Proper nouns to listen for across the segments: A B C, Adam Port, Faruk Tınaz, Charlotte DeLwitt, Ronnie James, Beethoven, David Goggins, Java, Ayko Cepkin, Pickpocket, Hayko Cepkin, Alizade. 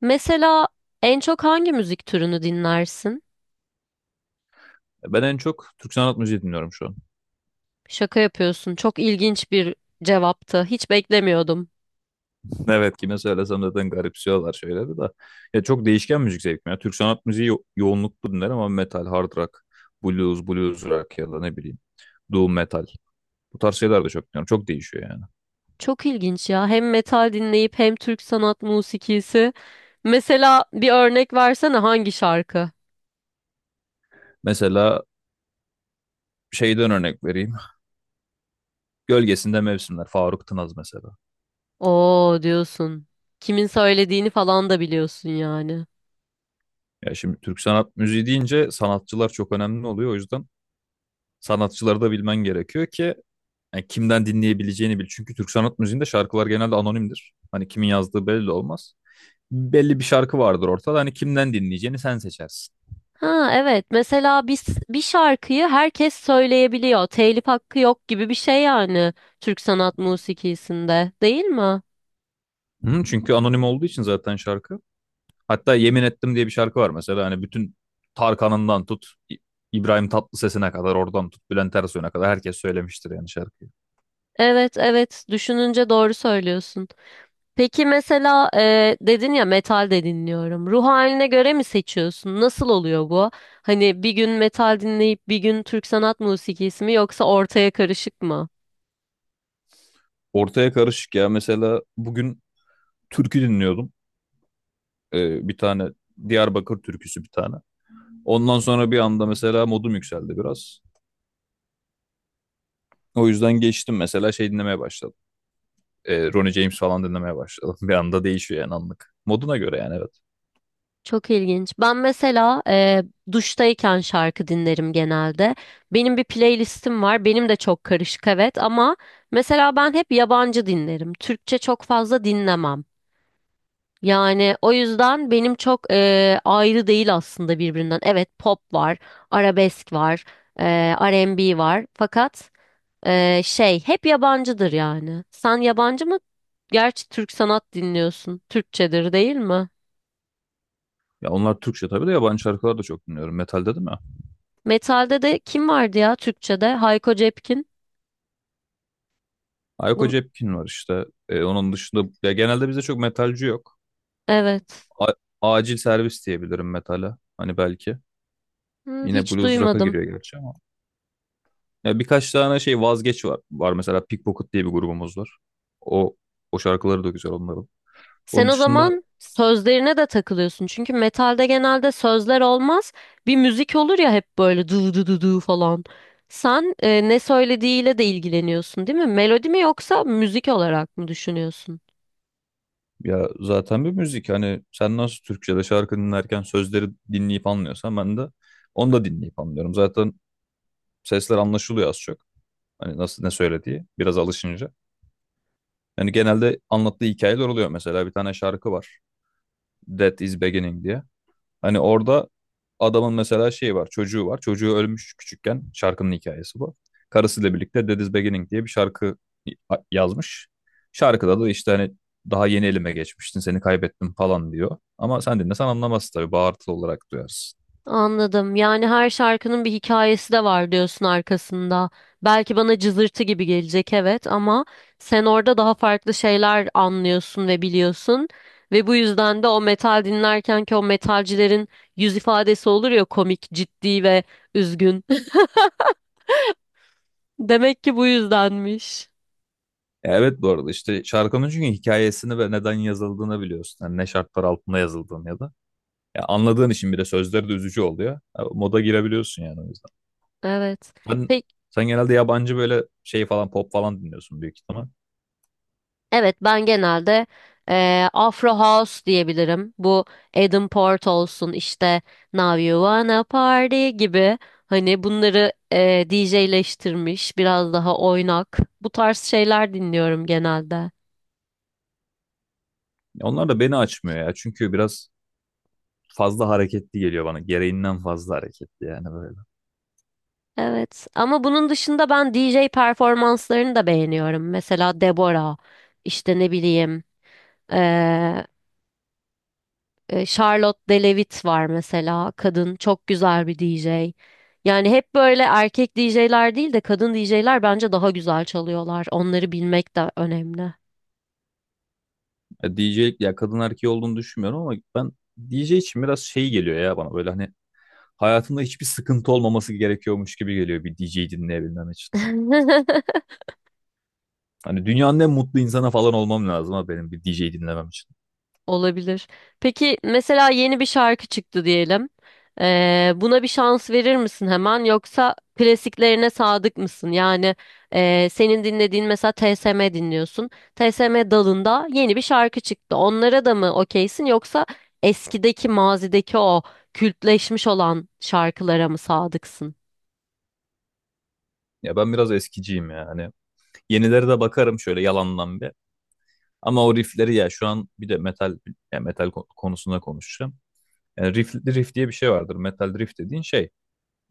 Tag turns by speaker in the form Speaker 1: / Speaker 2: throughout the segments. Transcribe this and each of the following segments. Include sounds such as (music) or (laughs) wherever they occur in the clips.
Speaker 1: Mesela en çok hangi müzik türünü dinlersin?
Speaker 2: Ben en çok Türk sanat müziği dinliyorum şu an.
Speaker 1: Şaka yapıyorsun. Çok ilginç bir cevaptı. Hiç beklemiyordum.
Speaker 2: (laughs) Evet kime söylesem zaten garipsiyorlar şeyleri de. Ya çok değişken müzik zevkim ya. Türk sanat müziği yoğunluklu dinlerim ama metal, hard rock, blues, blues rock ya da ne bileyim doom metal. Bu tarz şeyler de çok dinliyorum. Çok değişiyor yani.
Speaker 1: Çok ilginç ya. Hem metal dinleyip hem Türk sanat musikisi. Mesela bir örnek versene hangi şarkı?
Speaker 2: Mesela şeyden örnek vereyim. Gölgesinde Mevsimler, Faruk Tınaz mesela.
Speaker 1: Oo diyorsun. Kimin söylediğini falan da biliyorsun yani.
Speaker 2: Ya şimdi Türk sanat müziği deyince sanatçılar çok önemli oluyor. O yüzden sanatçıları da bilmen gerekiyor ki yani kimden dinleyebileceğini bil. Çünkü Türk sanat müziğinde şarkılar genelde anonimdir. Hani kimin yazdığı belli olmaz. Belli bir şarkı vardır ortada. Hani kimden dinleyeceğini sen seçersin.
Speaker 1: Ha evet. Mesela bir şarkıyı herkes söyleyebiliyor. Telif hakkı yok gibi bir şey yani Türk sanat musikisinde, değil mi?
Speaker 2: Hı, çünkü anonim olduğu için zaten şarkı. Hatta Yemin Ettim diye bir şarkı var mesela. Hani bütün Tarkan'ından tut, İbrahim Tatlıses'ine kadar, oradan tut, Bülent Ersoy'una kadar herkes söylemiştir yani şarkıyı.
Speaker 1: Evet, evet, düşününce doğru söylüyorsun. Peki mesela dedin ya metal de dinliyorum. Ruh haline göre mi seçiyorsun? Nasıl oluyor bu? Hani bir gün metal dinleyip bir gün Türk sanat musikisi mi yoksa ortaya karışık mı?
Speaker 2: Ortaya karışık ya. Mesela bugün türkü dinliyordum. Bir tane Diyarbakır türküsü bir tane. Ondan sonra bir anda mesela modum yükseldi biraz. O yüzden geçtim mesela şey dinlemeye başladım. Ronnie James falan dinlemeye başladım. (laughs) Bir anda değişiyor yani anlık. Moduna göre yani evet.
Speaker 1: Çok ilginç. Ben mesela duştayken şarkı dinlerim genelde. Benim bir playlistim var. Benim de çok karışık, evet, ama mesela ben hep yabancı dinlerim. Türkçe çok fazla dinlemem. Yani o yüzden benim çok ayrı değil aslında birbirinden. Evet, pop var, arabesk var, R&B var. Fakat şey hep yabancıdır yani. Sen yabancı mı? Gerçi Türk sanat dinliyorsun. Türkçedir, değil mi?
Speaker 2: Ya onlar Türkçe tabii de yabancı şarkılar da çok dinliyorum. Metal dedim ya.
Speaker 1: Metalde de kim vardı ya Türkçede? Hayko Cepkin.
Speaker 2: Ayko
Speaker 1: Bun
Speaker 2: Cepkin var işte. Onun dışında ya genelde bizde çok metalci yok.
Speaker 1: evet.
Speaker 2: A- acil servis diyebilirim metale. Hani belki.
Speaker 1: Hı,
Speaker 2: Yine
Speaker 1: hiç
Speaker 2: blues rock'a
Speaker 1: duymadım.
Speaker 2: giriyor gerçi ama. Ya birkaç tane şey vazgeç var. Var mesela Pickpocket diye bir grubumuz var. O o şarkıları da güzel onların.
Speaker 1: Sen
Speaker 2: Onun
Speaker 1: o
Speaker 2: dışında
Speaker 1: zaman sözlerine de takılıyorsun. Çünkü metalde genelde sözler olmaz. Bir müzik olur ya, hep böyle du du du du falan. Sen ne söylediğiyle de ilgileniyorsun, değil mi? Melodi mi yoksa müzik olarak mı düşünüyorsun?
Speaker 2: ya zaten bir müzik hani sen nasıl Türkçe'de şarkı dinlerken sözleri dinleyip anlıyorsan ben de onu da dinleyip anlıyorum. Zaten sesler anlaşılıyor az çok. Hani nasıl ne söylediği biraz alışınca. Yani genelde anlattığı hikayeler oluyor. Mesela bir tane şarkı var. That is Beginning diye. Hani orada adamın mesela şeyi var, çocuğu var. Çocuğu ölmüş küçükken. Şarkının hikayesi bu. Karısıyla birlikte Dead is Beginning diye bir şarkı yazmış. Şarkıda da işte hani daha yeni elime geçmiştin, seni kaybettim falan diyor. Ama sen dinlesen anlamazsın tabii, bağırtılı olarak duyarsın.
Speaker 1: Anladım. Yani her şarkının bir hikayesi de var diyorsun arkasında. Belki bana cızırtı gibi gelecek evet, ama sen orada daha farklı şeyler anlıyorsun ve biliyorsun ve bu yüzden de o metal dinlerken ki o metalcilerin yüz ifadesi olur ya komik, ciddi ve üzgün. (laughs) Demek ki bu yüzdenmiş.
Speaker 2: Ya evet, bu arada işte şarkının çünkü hikayesini ve neden yazıldığını biliyorsun. Yani ne şartlar altında yazıldığını ya da. Ya anladığın için bir de sözleri de üzücü oluyor. Ya moda girebiliyorsun yani o yüzden.
Speaker 1: Evet.
Speaker 2: Sen,
Speaker 1: Peki
Speaker 2: sen genelde yabancı böyle şey falan pop falan dinliyorsun büyük ihtimal.
Speaker 1: Evet, ben genelde Afro House diyebilirim. Bu Adam Port olsun, işte Now You Wanna Party gibi, hani bunları DJ'leştirmiş biraz daha oynak, bu tarz şeyler dinliyorum genelde.
Speaker 2: Onlar da beni açmıyor ya. Çünkü biraz fazla hareketli geliyor bana. Gereğinden fazla hareketli yani böyle.
Speaker 1: Evet, ama bunun dışında ben DJ performanslarını da beğeniyorum. Mesela Deborah, işte ne bileyim, eee, Charlotte DeLwitt var mesela. Kadın çok güzel bir DJ. Yani hep böyle erkek DJ'ler değil de kadın DJ'ler bence daha güzel çalıyorlar. Onları bilmek de önemli.
Speaker 2: Ya DJ'lik ya kadın erkeği olduğunu düşünmüyorum ama ben D J için biraz şey geliyor ya bana böyle hani hayatında hiçbir sıkıntı olmaması gerekiyormuş gibi geliyor bir D J'yi dinleyebilmem için.
Speaker 1: (laughs)
Speaker 2: Hani dünyanın en mutlu insana falan olmam lazım ha benim bir D J'yi dinlemem için.
Speaker 1: Olabilir. Peki mesela yeni bir şarkı çıktı diyelim. Buna bir şans verir misin hemen, yoksa klasiklerine sadık mısın? Yani senin dinlediğin mesela TSM dinliyorsun. TSM dalında yeni bir şarkı çıktı. Onlara da mı okeysin, yoksa eskideki, mazideki o kültleşmiş olan şarkılara mı sadıksın?
Speaker 2: Ya ben biraz eskiciyim ya. Hani yenilere de bakarım şöyle yalandan bir. Ama o riffleri ya şu an bir de metal konusunda konuşacağım. Yani riff, riff diye bir şey vardır. Metal riff dediğin şey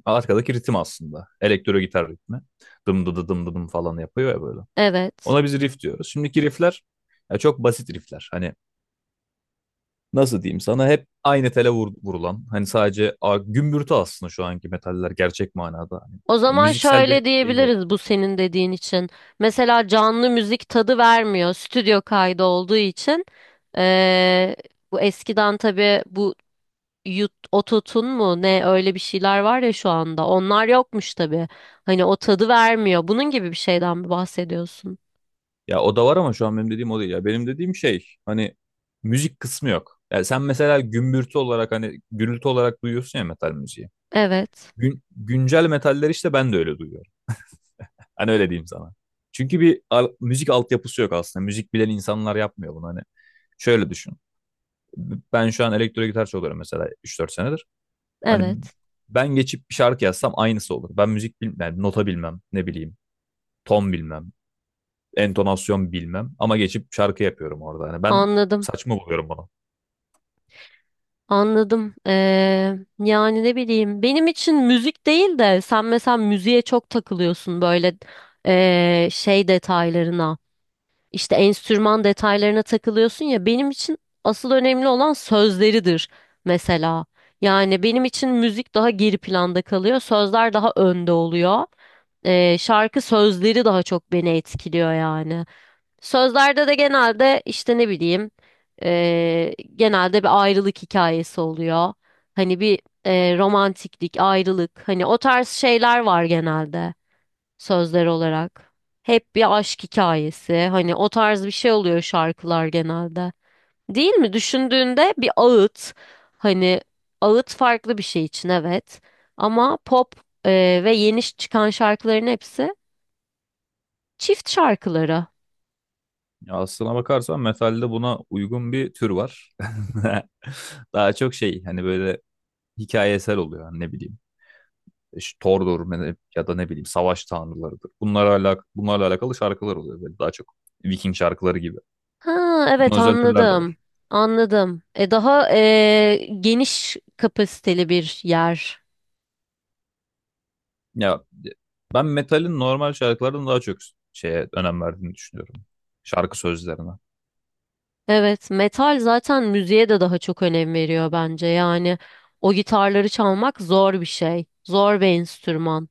Speaker 2: arkadaki ritim aslında. Elektro gitar ritmi. Dım dı dı dım dı dım falan yapıyor ya böyle.
Speaker 1: Evet.
Speaker 2: Ona biz riff diyoruz. Şimdiki riffler ya çok basit riffler. Hani nasıl diyeyim sana hep aynı tele vurulan. Hani sadece gümbürtü aslında şu anki metaller gerçek manada. Hani,
Speaker 1: O
Speaker 2: ya
Speaker 1: zaman
Speaker 2: müziksel bir
Speaker 1: şöyle
Speaker 2: şey yok.
Speaker 1: diyebiliriz bu senin dediğin için. Mesela canlı müzik tadı vermiyor stüdyo kaydı olduğu için. Ee, Bu eskiden tabii, bu ototun mu ne öyle bir şeyler var ya şu anda. Onlar yokmuş tabii. Hani o tadı vermiyor. Bunun gibi bir şeyden mi bahsediyorsun?
Speaker 2: Ya o da var ama şu an benim dediğim o değil. Ya benim dediğim şey hani müzik kısmı yok. Yani sen mesela gümbürtü olarak hani gürültü olarak duyuyorsun ya metal müziği.
Speaker 1: Evet.
Speaker 2: Güncel metaller işte ben de öyle duyuyorum. Hani öyle diyeyim sana. Çünkü bir müzik altyapısı yok aslında. Müzik bilen insanlar yapmıyor bunu. Hani şöyle düşün. Ben şu an elektro gitar çalıyorum mesela 3-4 senedir. Hani
Speaker 1: Evet.
Speaker 2: ben geçip bir şarkı yazsam aynısı olur. Ben müzik bilmem, yani nota bilmem, ne bileyim, ton bilmem, entonasyon bilmem ama geçip şarkı yapıyorum orada. Hani ben
Speaker 1: Anladım.
Speaker 2: saçma buluyorum bunu.
Speaker 1: Anladım. Yani ne bileyim, benim için müzik değil de sen mesela müziğe çok takılıyorsun, böyle şey detaylarına, işte enstrüman detaylarına takılıyorsun ya, benim için asıl önemli olan sözleridir mesela. Yani benim için müzik daha geri planda kalıyor, sözler daha önde oluyor. Şarkı sözleri daha çok beni etkiliyor yani. Sözlerde de genelde işte ne bileyim, genelde bir ayrılık hikayesi oluyor. Hani bir romantiklik, ayrılık, hani o tarz şeyler var genelde sözler olarak. Hep bir aşk hikayesi, hani o tarz bir şey oluyor şarkılar genelde. Değil mi? Düşündüğünde bir ağıt, hani ağıt farklı bir şey için, evet, ama pop ve yeni çıkan şarkıların hepsi çift şarkıları.
Speaker 2: Ya aslına bakarsan metalde buna uygun bir tür var. (laughs) Daha çok şey hani böyle hikayesel oluyor hani ne bileyim. İşte Thor'dur ya da ne bileyim savaş tanrılarıdır. Bunlarla alakalı şarkılar oluyor böyle daha çok. Viking şarkıları gibi.
Speaker 1: Ha
Speaker 2: Buna
Speaker 1: evet,
Speaker 2: özel türler de
Speaker 1: anladım.
Speaker 2: var.
Speaker 1: Anladım. Daha geniş kapasiteli bir yer.
Speaker 2: Ya ben metalin normal şarkılardan daha çok şeye önem verdiğini düşünüyorum. Şarkı sözlerine.
Speaker 1: Evet, metal zaten müziğe de daha çok önem veriyor bence. Yani o gitarları çalmak zor bir şey. Zor bir enstrüman.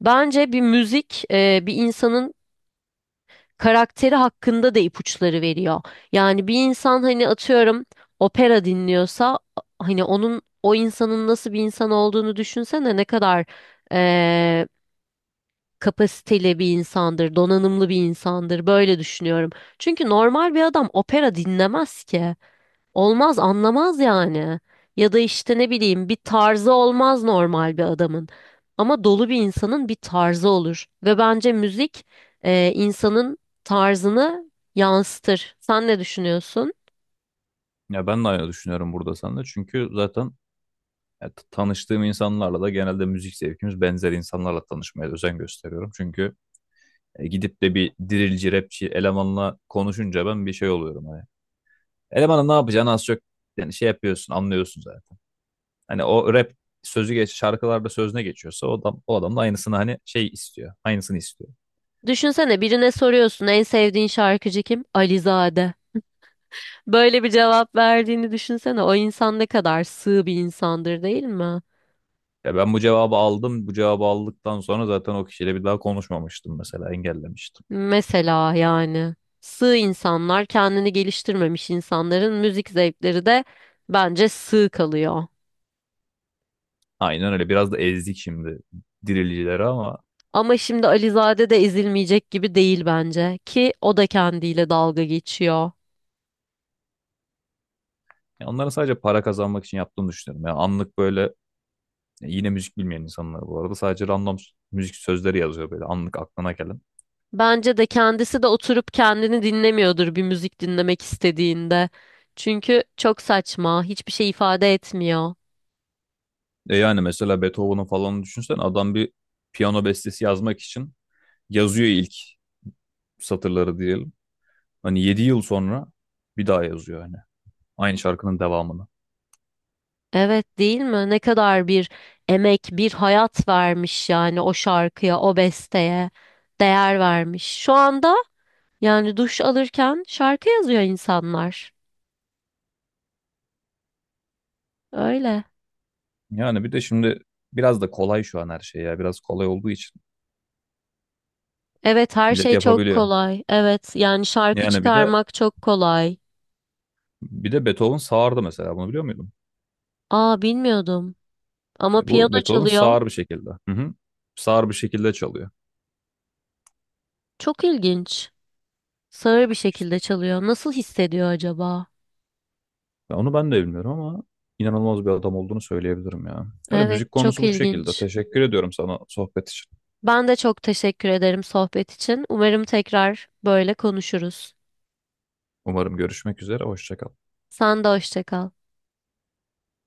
Speaker 1: Bence bir müzik, bir insanın karakteri hakkında da ipuçları veriyor. Yani bir insan hani atıyorum opera dinliyorsa, hani onun, o insanın nasıl bir insan olduğunu düşünsene, ne kadar e, kapasiteli bir insandır, donanımlı bir insandır. Böyle düşünüyorum. Çünkü normal bir adam opera dinlemez ki. Olmaz, anlamaz yani. Ya da işte ne bileyim, bir tarzı olmaz normal bir adamın. Ama dolu bir insanın bir tarzı olur. Ve bence müzik, insanın tarzını yansıtır. Sen ne düşünüyorsun?
Speaker 2: Ya ben de aynı düşünüyorum burada seninle. Çünkü zaten ya, tanıştığım insanlarla da genelde müzik zevkimiz benzer insanlarla tanışmaya özen gösteriyorum. Çünkü gidip de bir dirilci, rapçi elemanla konuşunca ben bir şey oluyorum. Hani. Elemanın ne yapacağını az çok yani şey yapıyorsun, anlıyorsun zaten. Hani o rap sözü geç şarkılarda sözüne geçiyorsa o adam da aynısını hani şey istiyor. Aynısını istiyor.
Speaker 1: Düşünsene, birine soruyorsun, en sevdiğin şarkıcı kim? Alizade. Böyle bir cevap verdiğini düşünsene. O insan ne kadar sığ bir insandır, değil mi?
Speaker 2: Ya ben bu cevabı aldım. Bu cevabı aldıktan sonra zaten o kişiyle bir daha konuşmamıştım mesela. Engellemiştim.
Speaker 1: Mesela yani sığ insanlar, kendini geliştirmemiş insanların müzik zevkleri de bence sığ kalıyor.
Speaker 2: Aynen öyle. Biraz da ezdik şimdi dirilicileri ama
Speaker 1: Ama şimdi Alizade de ezilmeyecek gibi değil bence, ki o da kendiyle dalga geçiyor.
Speaker 2: ya onların sadece para kazanmak için yaptığını düşünüyorum. Yani anlık böyle ya yine müzik bilmeyen insanlar bu arada. Sadece random müzik sözleri yazıyor böyle anlık aklına gelen.
Speaker 1: Bence de kendisi de oturup kendini dinlemiyordur bir müzik dinlemek istediğinde. Çünkü çok saçma, hiçbir şey ifade etmiyor.
Speaker 2: E yani mesela Beethoven'ın falan düşünsen adam bir piyano bestesi yazmak için yazıyor ilk satırları diyelim. Hani 7 yıl sonra bir daha yazıyor hani. Aynı şarkının devamını.
Speaker 1: Evet, değil mi? Ne kadar bir emek, bir hayat vermiş yani o şarkıya, o besteye değer vermiş. Şu anda. Yani duş alırken şarkı yazıyor insanlar. Öyle.
Speaker 2: Yani bir de şimdi biraz da kolay şu an her şey ya. Biraz kolay olduğu için
Speaker 1: Evet, her
Speaker 2: millet
Speaker 1: şey çok
Speaker 2: yapabiliyor.
Speaker 1: kolay. Evet, yani şarkı
Speaker 2: Yani bir de
Speaker 1: çıkarmak çok kolay.
Speaker 2: bir de Beethoven sağırdı mesela. Bunu biliyor muydun?
Speaker 1: Aa, bilmiyordum. Ama
Speaker 2: Bu
Speaker 1: piyano
Speaker 2: Beethoven
Speaker 1: çalıyor.
Speaker 2: sağır bir şekilde. Hı hı. Sağır bir şekilde çalıyor.
Speaker 1: Çok ilginç. Sağır bir
Speaker 2: İşte
Speaker 1: şekilde çalıyor. Nasıl hissediyor acaba?
Speaker 2: onu ben de bilmiyorum ama inanılmaz bir adam olduğunu söyleyebilirim ya. Öyle
Speaker 1: Evet,
Speaker 2: müzik
Speaker 1: çok
Speaker 2: konusu bu şekilde.
Speaker 1: ilginç.
Speaker 2: Teşekkür ediyorum sana sohbet için.
Speaker 1: Ben de çok teşekkür ederim sohbet için. Umarım tekrar böyle konuşuruz.
Speaker 2: Umarım görüşmek üzere. Hoşça kal.
Speaker 1: Sen de hoşça kal.